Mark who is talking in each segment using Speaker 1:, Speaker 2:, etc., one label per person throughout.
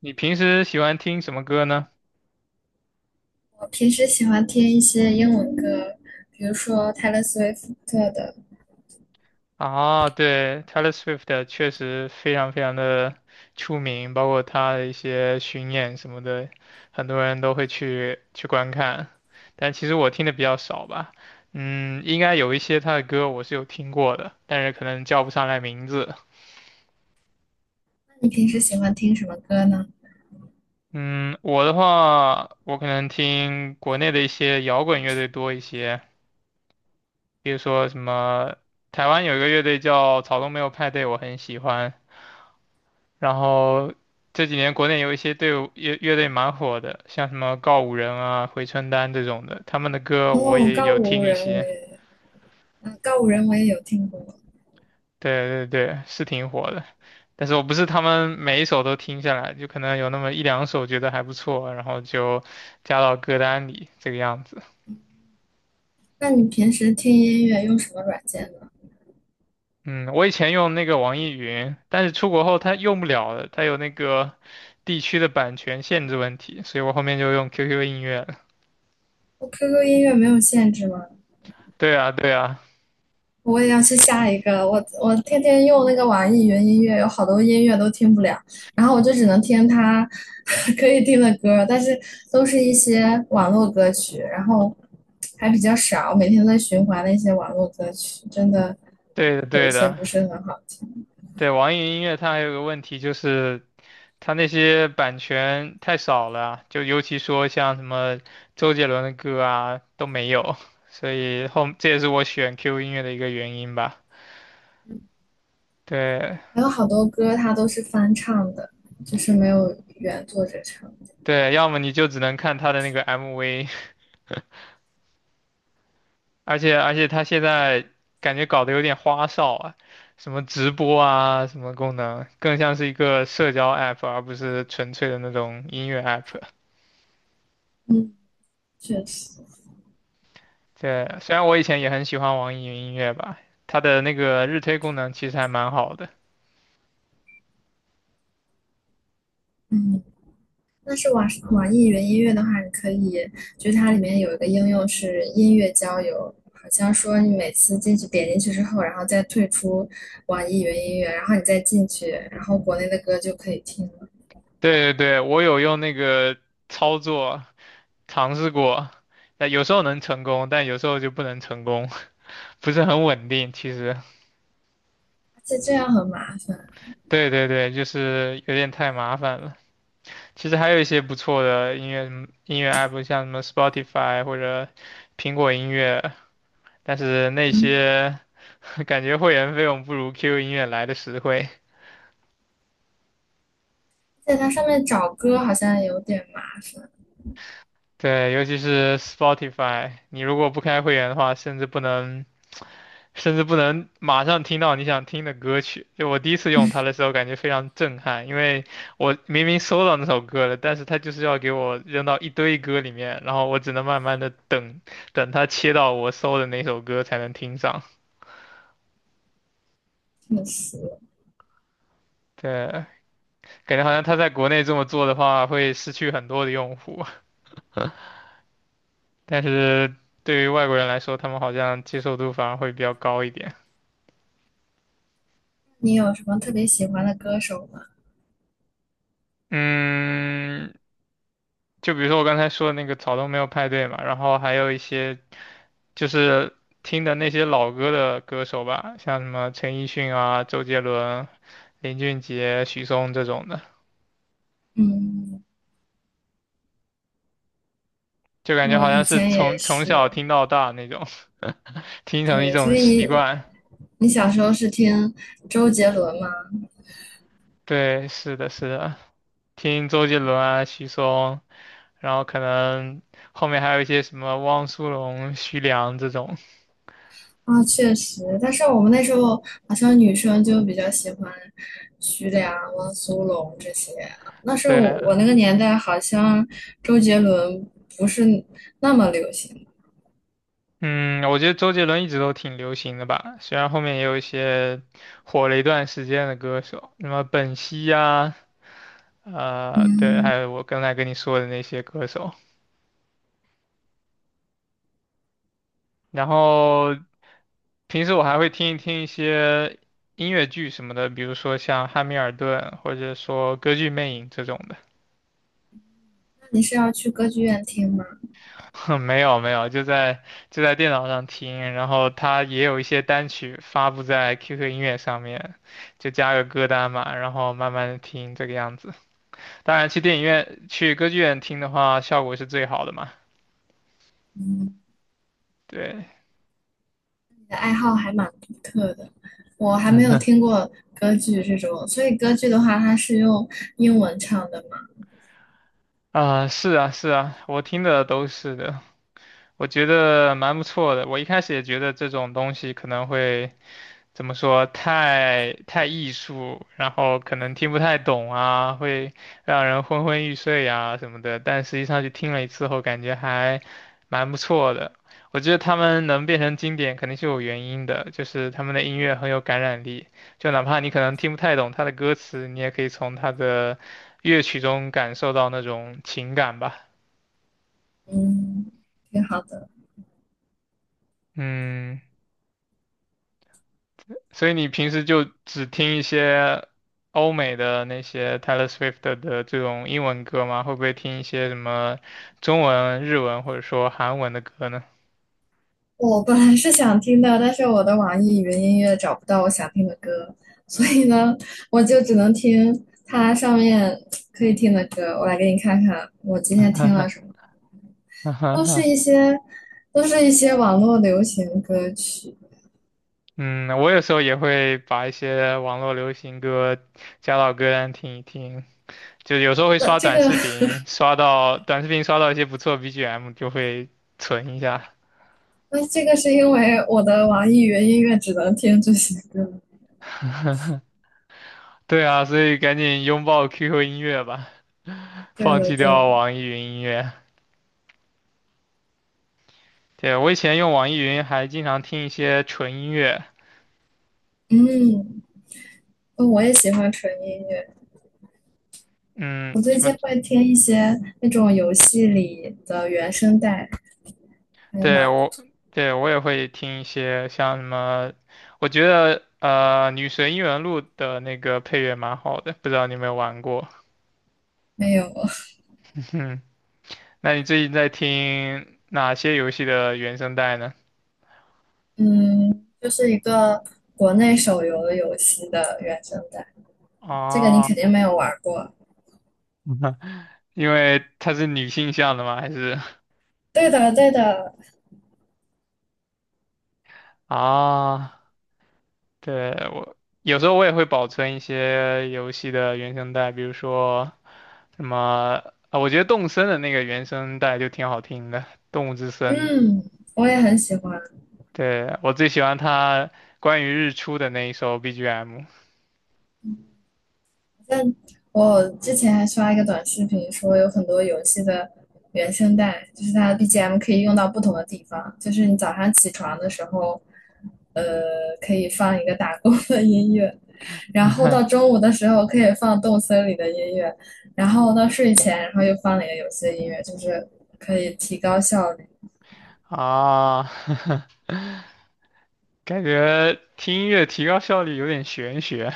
Speaker 1: 你平时喜欢听什么歌呢？
Speaker 2: 我平时喜欢听一些英文歌，比如说泰勒·斯威夫特的。
Speaker 1: 啊，对，Taylor Swift 确实非常的出名，包括她的一些巡演什么的，很多人都会去观看。但其实我听的比较少吧，嗯，应该有一些她的歌我是有听过的，但是可能叫不上来名字。
Speaker 2: 那你平时喜欢听什么歌呢？
Speaker 1: 嗯，我的话，我可能听国内的一些摇滚乐队多一些，比如说什么台湾有一个乐队叫草东没有派对，我很喜欢。然后这几年国内有一些队伍乐队蛮火的，像什么告五人啊、回春丹这种的，他们的歌我
Speaker 2: 哦，
Speaker 1: 也
Speaker 2: 告
Speaker 1: 有
Speaker 2: 五
Speaker 1: 听一
Speaker 2: 人我
Speaker 1: 些。
Speaker 2: 也，嗯，告五人我也有听过。
Speaker 1: 对对对，是挺火的，但是我不是他们每一首都听下来，就可能有那么一两首觉得还不错，然后就加到歌单里这个样子。
Speaker 2: 那你平时听音乐用什么软件呢？
Speaker 1: 嗯，我以前用那个网易云，但是出国后它用不了了，它有那个地区的版权限制问题，所以我后面就用 QQ 音乐了。
Speaker 2: 我 QQ 音乐没有限制吗？
Speaker 1: 对啊，对啊，
Speaker 2: 我也要去下一个，我天天用那个网易云音乐，有好多音乐都听不了，然后我就只能听它 可以听的歌，但是都是一些网络歌曲，然后还比较少，每天都在循环那些网络歌曲，真的
Speaker 1: 对的，
Speaker 2: 有一
Speaker 1: 对
Speaker 2: 些
Speaker 1: 的。
Speaker 2: 不是很好听，
Speaker 1: 对，网易云音乐它还有个问题就是，它那些版权太少了啊，就尤其说像什么周杰伦的歌啊都没有，所以后这也是我选 QQ 音乐的一个原因吧。对
Speaker 2: 还有好多歌它都是翻唱的，就是没有原作者唱的。
Speaker 1: 对，要么你就只能看它的那个 MV，而且它现在感觉搞得有点花哨啊，什么直播啊，什么功能，更像是一个社交 app，而不是纯粹的那种音乐 app。
Speaker 2: 嗯，确实，
Speaker 1: 对，虽然我以前也很喜欢网易云音乐吧，它的那个日推功能其实还蛮好的。
Speaker 2: 嗯。但是网易云音乐的话，你可以，就是它里面有一个应用是音乐交友，好像说你每次进去点进去之后，然后再退出网易云音乐，然后你再进去，然后国内的歌就可以听了。
Speaker 1: 对对对，我有用那个操作尝试过，但有时候能成功，但有时候就不能成功，不是很稳定。其实，
Speaker 2: 而且这样很麻烦，
Speaker 1: 对对对，就是有点太麻烦了。其实还有一些不错的音乐 app，像什么 Spotify 或者苹果音乐，但是那
Speaker 2: 嗯，
Speaker 1: 些 感觉会员费用不如 QQ 音乐来的实惠。
Speaker 2: 在它上面找歌好像有点麻烦，
Speaker 1: 对，尤其是 Spotify，你如果不开会员的话，甚至不能马上听到你想听的歌曲。就我第一次用它的时候，感觉非常震撼，因为我明明搜到那首歌了，但是它就是要给我扔到一堆歌里面，然后我只能慢慢的等，等它切到我搜的那首歌才能听上。
Speaker 2: 确实。
Speaker 1: 对，感觉好像它在国内这么做的话，会失去很多的用户，但是对于外国人来说，他们好像接受度反而会比较高一点。
Speaker 2: 你有什么特别喜欢的歌手吗？
Speaker 1: 嗯，就比如说我刚才说的那个草东没有派对嘛，然后还有一些就是听的那些老歌的歌手吧，像什么陈奕迅啊、周杰伦、林俊杰、许嵩这种的，
Speaker 2: 嗯，
Speaker 1: 就感觉
Speaker 2: 我
Speaker 1: 好像
Speaker 2: 以
Speaker 1: 是
Speaker 2: 前也
Speaker 1: 从从
Speaker 2: 是，
Speaker 1: 小听到大那种，听成一
Speaker 2: 对，所
Speaker 1: 种
Speaker 2: 以
Speaker 1: 习
Speaker 2: 你
Speaker 1: 惯。
Speaker 2: 你小时候是听周杰伦吗？
Speaker 1: 对，是的，是的，听周杰伦啊、许嵩，然后可能后面还有一些什么汪苏泷、徐良这种。
Speaker 2: 啊，确实，但是我们那时候好像女生就比较喜欢徐良、汪苏泷这些啊。那时候我
Speaker 1: 对，
Speaker 2: 我那个年代好像周杰伦不是那么流行。
Speaker 1: 嗯，我觉得周杰伦一直都挺流行的吧，虽然后面也有一些火了一段时间的歌手，什么本兮呀、对，
Speaker 2: 嗯，
Speaker 1: 还有我刚才跟你说的那些歌手。然后平时我还会听一些音乐剧什么的，比如说像《汉密尔顿》或者说《歌剧魅影》这种的。
Speaker 2: 那你是要去歌剧院听吗？
Speaker 1: 没有没有，就在电脑上听，然后它也有一些单曲发布在 QQ 音乐上面，就加个歌单嘛，然后慢慢的听这个样子。当然，去电影院、去歌剧院听的话，效果是最好的嘛。
Speaker 2: 嗯，
Speaker 1: 对，
Speaker 2: 你的爱好还蛮独特的，我还没有听过歌剧这种，所以歌剧的话，它是用英文唱的嘛。
Speaker 1: 啊、是啊，是啊，我听的都是的，我觉得蛮不错的。我一开始也觉得这种东西可能会怎么说，太艺术，然后可能听不太懂啊，会让人昏昏欲睡啊什么的。但实际上去听了一次后，感觉还蛮不错的。我觉得他们能变成经典，肯定是有原因的，就是他们的音乐很有感染力。就哪怕你可能听不太懂他的歌词，你也可以从他的乐曲中感受到那种情感吧。
Speaker 2: 嗯，挺好的。
Speaker 1: 嗯。所以你平时就只听一些欧美的那些 Taylor Swift 的这种英文歌吗？会不会听一些什么中文、日文或者说韩文的歌呢？
Speaker 2: 我本来是想听的，但是我的网易云音乐找不到我想听的歌，所以呢，我就只能听它上面可以听的歌。我来给你看看，我今天听了什么，都是一些，都是一些网络流行歌曲。
Speaker 1: 嗯，我有时候也会把一些网络流行歌加到歌单听一听，就有时候会
Speaker 2: 那
Speaker 1: 刷
Speaker 2: 这
Speaker 1: 短
Speaker 2: 个
Speaker 1: 视频，刷到短视频刷到一些不错 BGM 就会存一下。
Speaker 2: 那这个是因为我的网易云音乐只能听这些歌。
Speaker 1: 对啊，所以赶紧拥抱 QQ 音乐吧，
Speaker 2: 对
Speaker 1: 放
Speaker 2: 的，
Speaker 1: 弃
Speaker 2: 对
Speaker 1: 掉
Speaker 2: 的，
Speaker 1: 网易云音乐。对，我以前用网易云还经常听一些纯音乐，
Speaker 2: 嗯，哦我也喜欢纯音乐。
Speaker 1: 嗯，
Speaker 2: 我
Speaker 1: 什
Speaker 2: 最
Speaker 1: 么，
Speaker 2: 近会听一些那种游戏里的原声带，还
Speaker 1: 对，
Speaker 2: 蛮
Speaker 1: 我，对，我也会听一些像什么，我觉得《女神异闻录》的那个配乐蛮好的，不知道你有没有玩过？
Speaker 2: 没有，
Speaker 1: 嗯，那你最近在听哪些游戏的原声带呢？
Speaker 2: 嗯，就是一个国内手游游戏的原声带，这个你肯
Speaker 1: 哦，
Speaker 2: 定没有玩过。
Speaker 1: 因为它是女性向的吗？还是
Speaker 2: 对的，对的，
Speaker 1: 啊？对，我有时候我也会保存一些游戏的原声带，比如说什么啊，我觉得动森的那个原声带就挺好听的，《动物之森》。
Speaker 2: 嗯，我也很喜欢。
Speaker 1: 对，我最喜欢他关于日出的那一首 BGM。
Speaker 2: 但我之前还刷一个短视频，说有很多游戏的原声带，就是它的 BGM 可以用到不同的地方，就是你早上起床的时候，呃，可以放一个打工的音乐，然后到 中午的时候可以放动森里的音乐，然后到睡前，然后又放了一个游戏的音乐，就是可以提高效率。
Speaker 1: 啊，感觉听音乐提高效率有点玄学。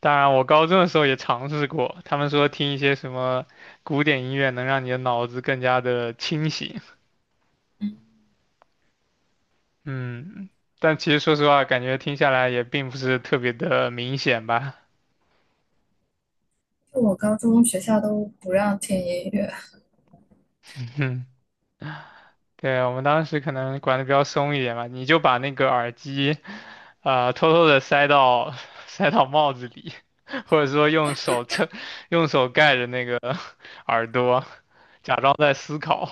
Speaker 1: 当然，我高中的时候也尝试过，他们说听一些什么古典音乐能让你的脑子更加的清醒。嗯，但其实说实话，感觉听下来也并不是特别的明显吧。
Speaker 2: 就我高中学校都不让听音乐，
Speaker 1: 嗯，对，我们当时可能管的比较松一点吧，你就把那个耳机，偷偷的塞到 塞到帽子里，或者说用手撑，用手盖着那个 耳朵，假装在思考。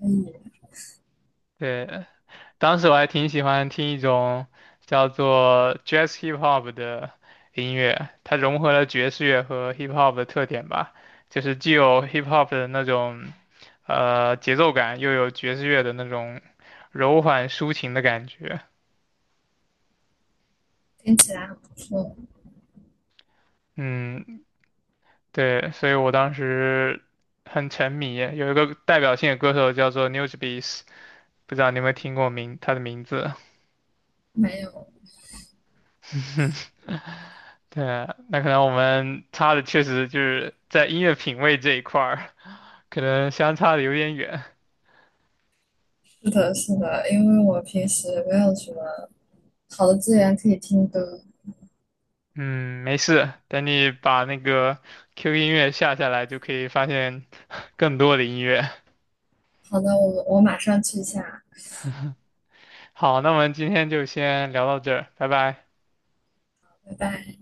Speaker 2: 所以
Speaker 1: 对，当时我还挺喜欢听一种叫做 Jazz Hip Hop 的音乐，它融合了爵士乐和 Hip Hop 的特点吧，就是既有 Hip Hop 的那种节奏感，又有爵士乐的那种柔缓抒情的感觉。
Speaker 2: 听起来很不错，
Speaker 1: 嗯，对，所以我当时很沉迷。有一个代表性的歌手叫做 Newsbeats,不知道你有没有听过他的名字？
Speaker 2: 没有
Speaker 1: 对啊，那可能我们差的确实就是在音乐品味这一块儿。可能相差的有点远。
Speaker 2: 是的，是的，因为我平时没有什么好的资源可以听歌。
Speaker 1: 嗯，没事，等你把那个 QQ 音乐下下来，就可以发现 更多的音乐。
Speaker 2: 好的，我马上去一下，
Speaker 1: 好，那我们今天就先聊到这儿，拜拜。
Speaker 2: 拜拜。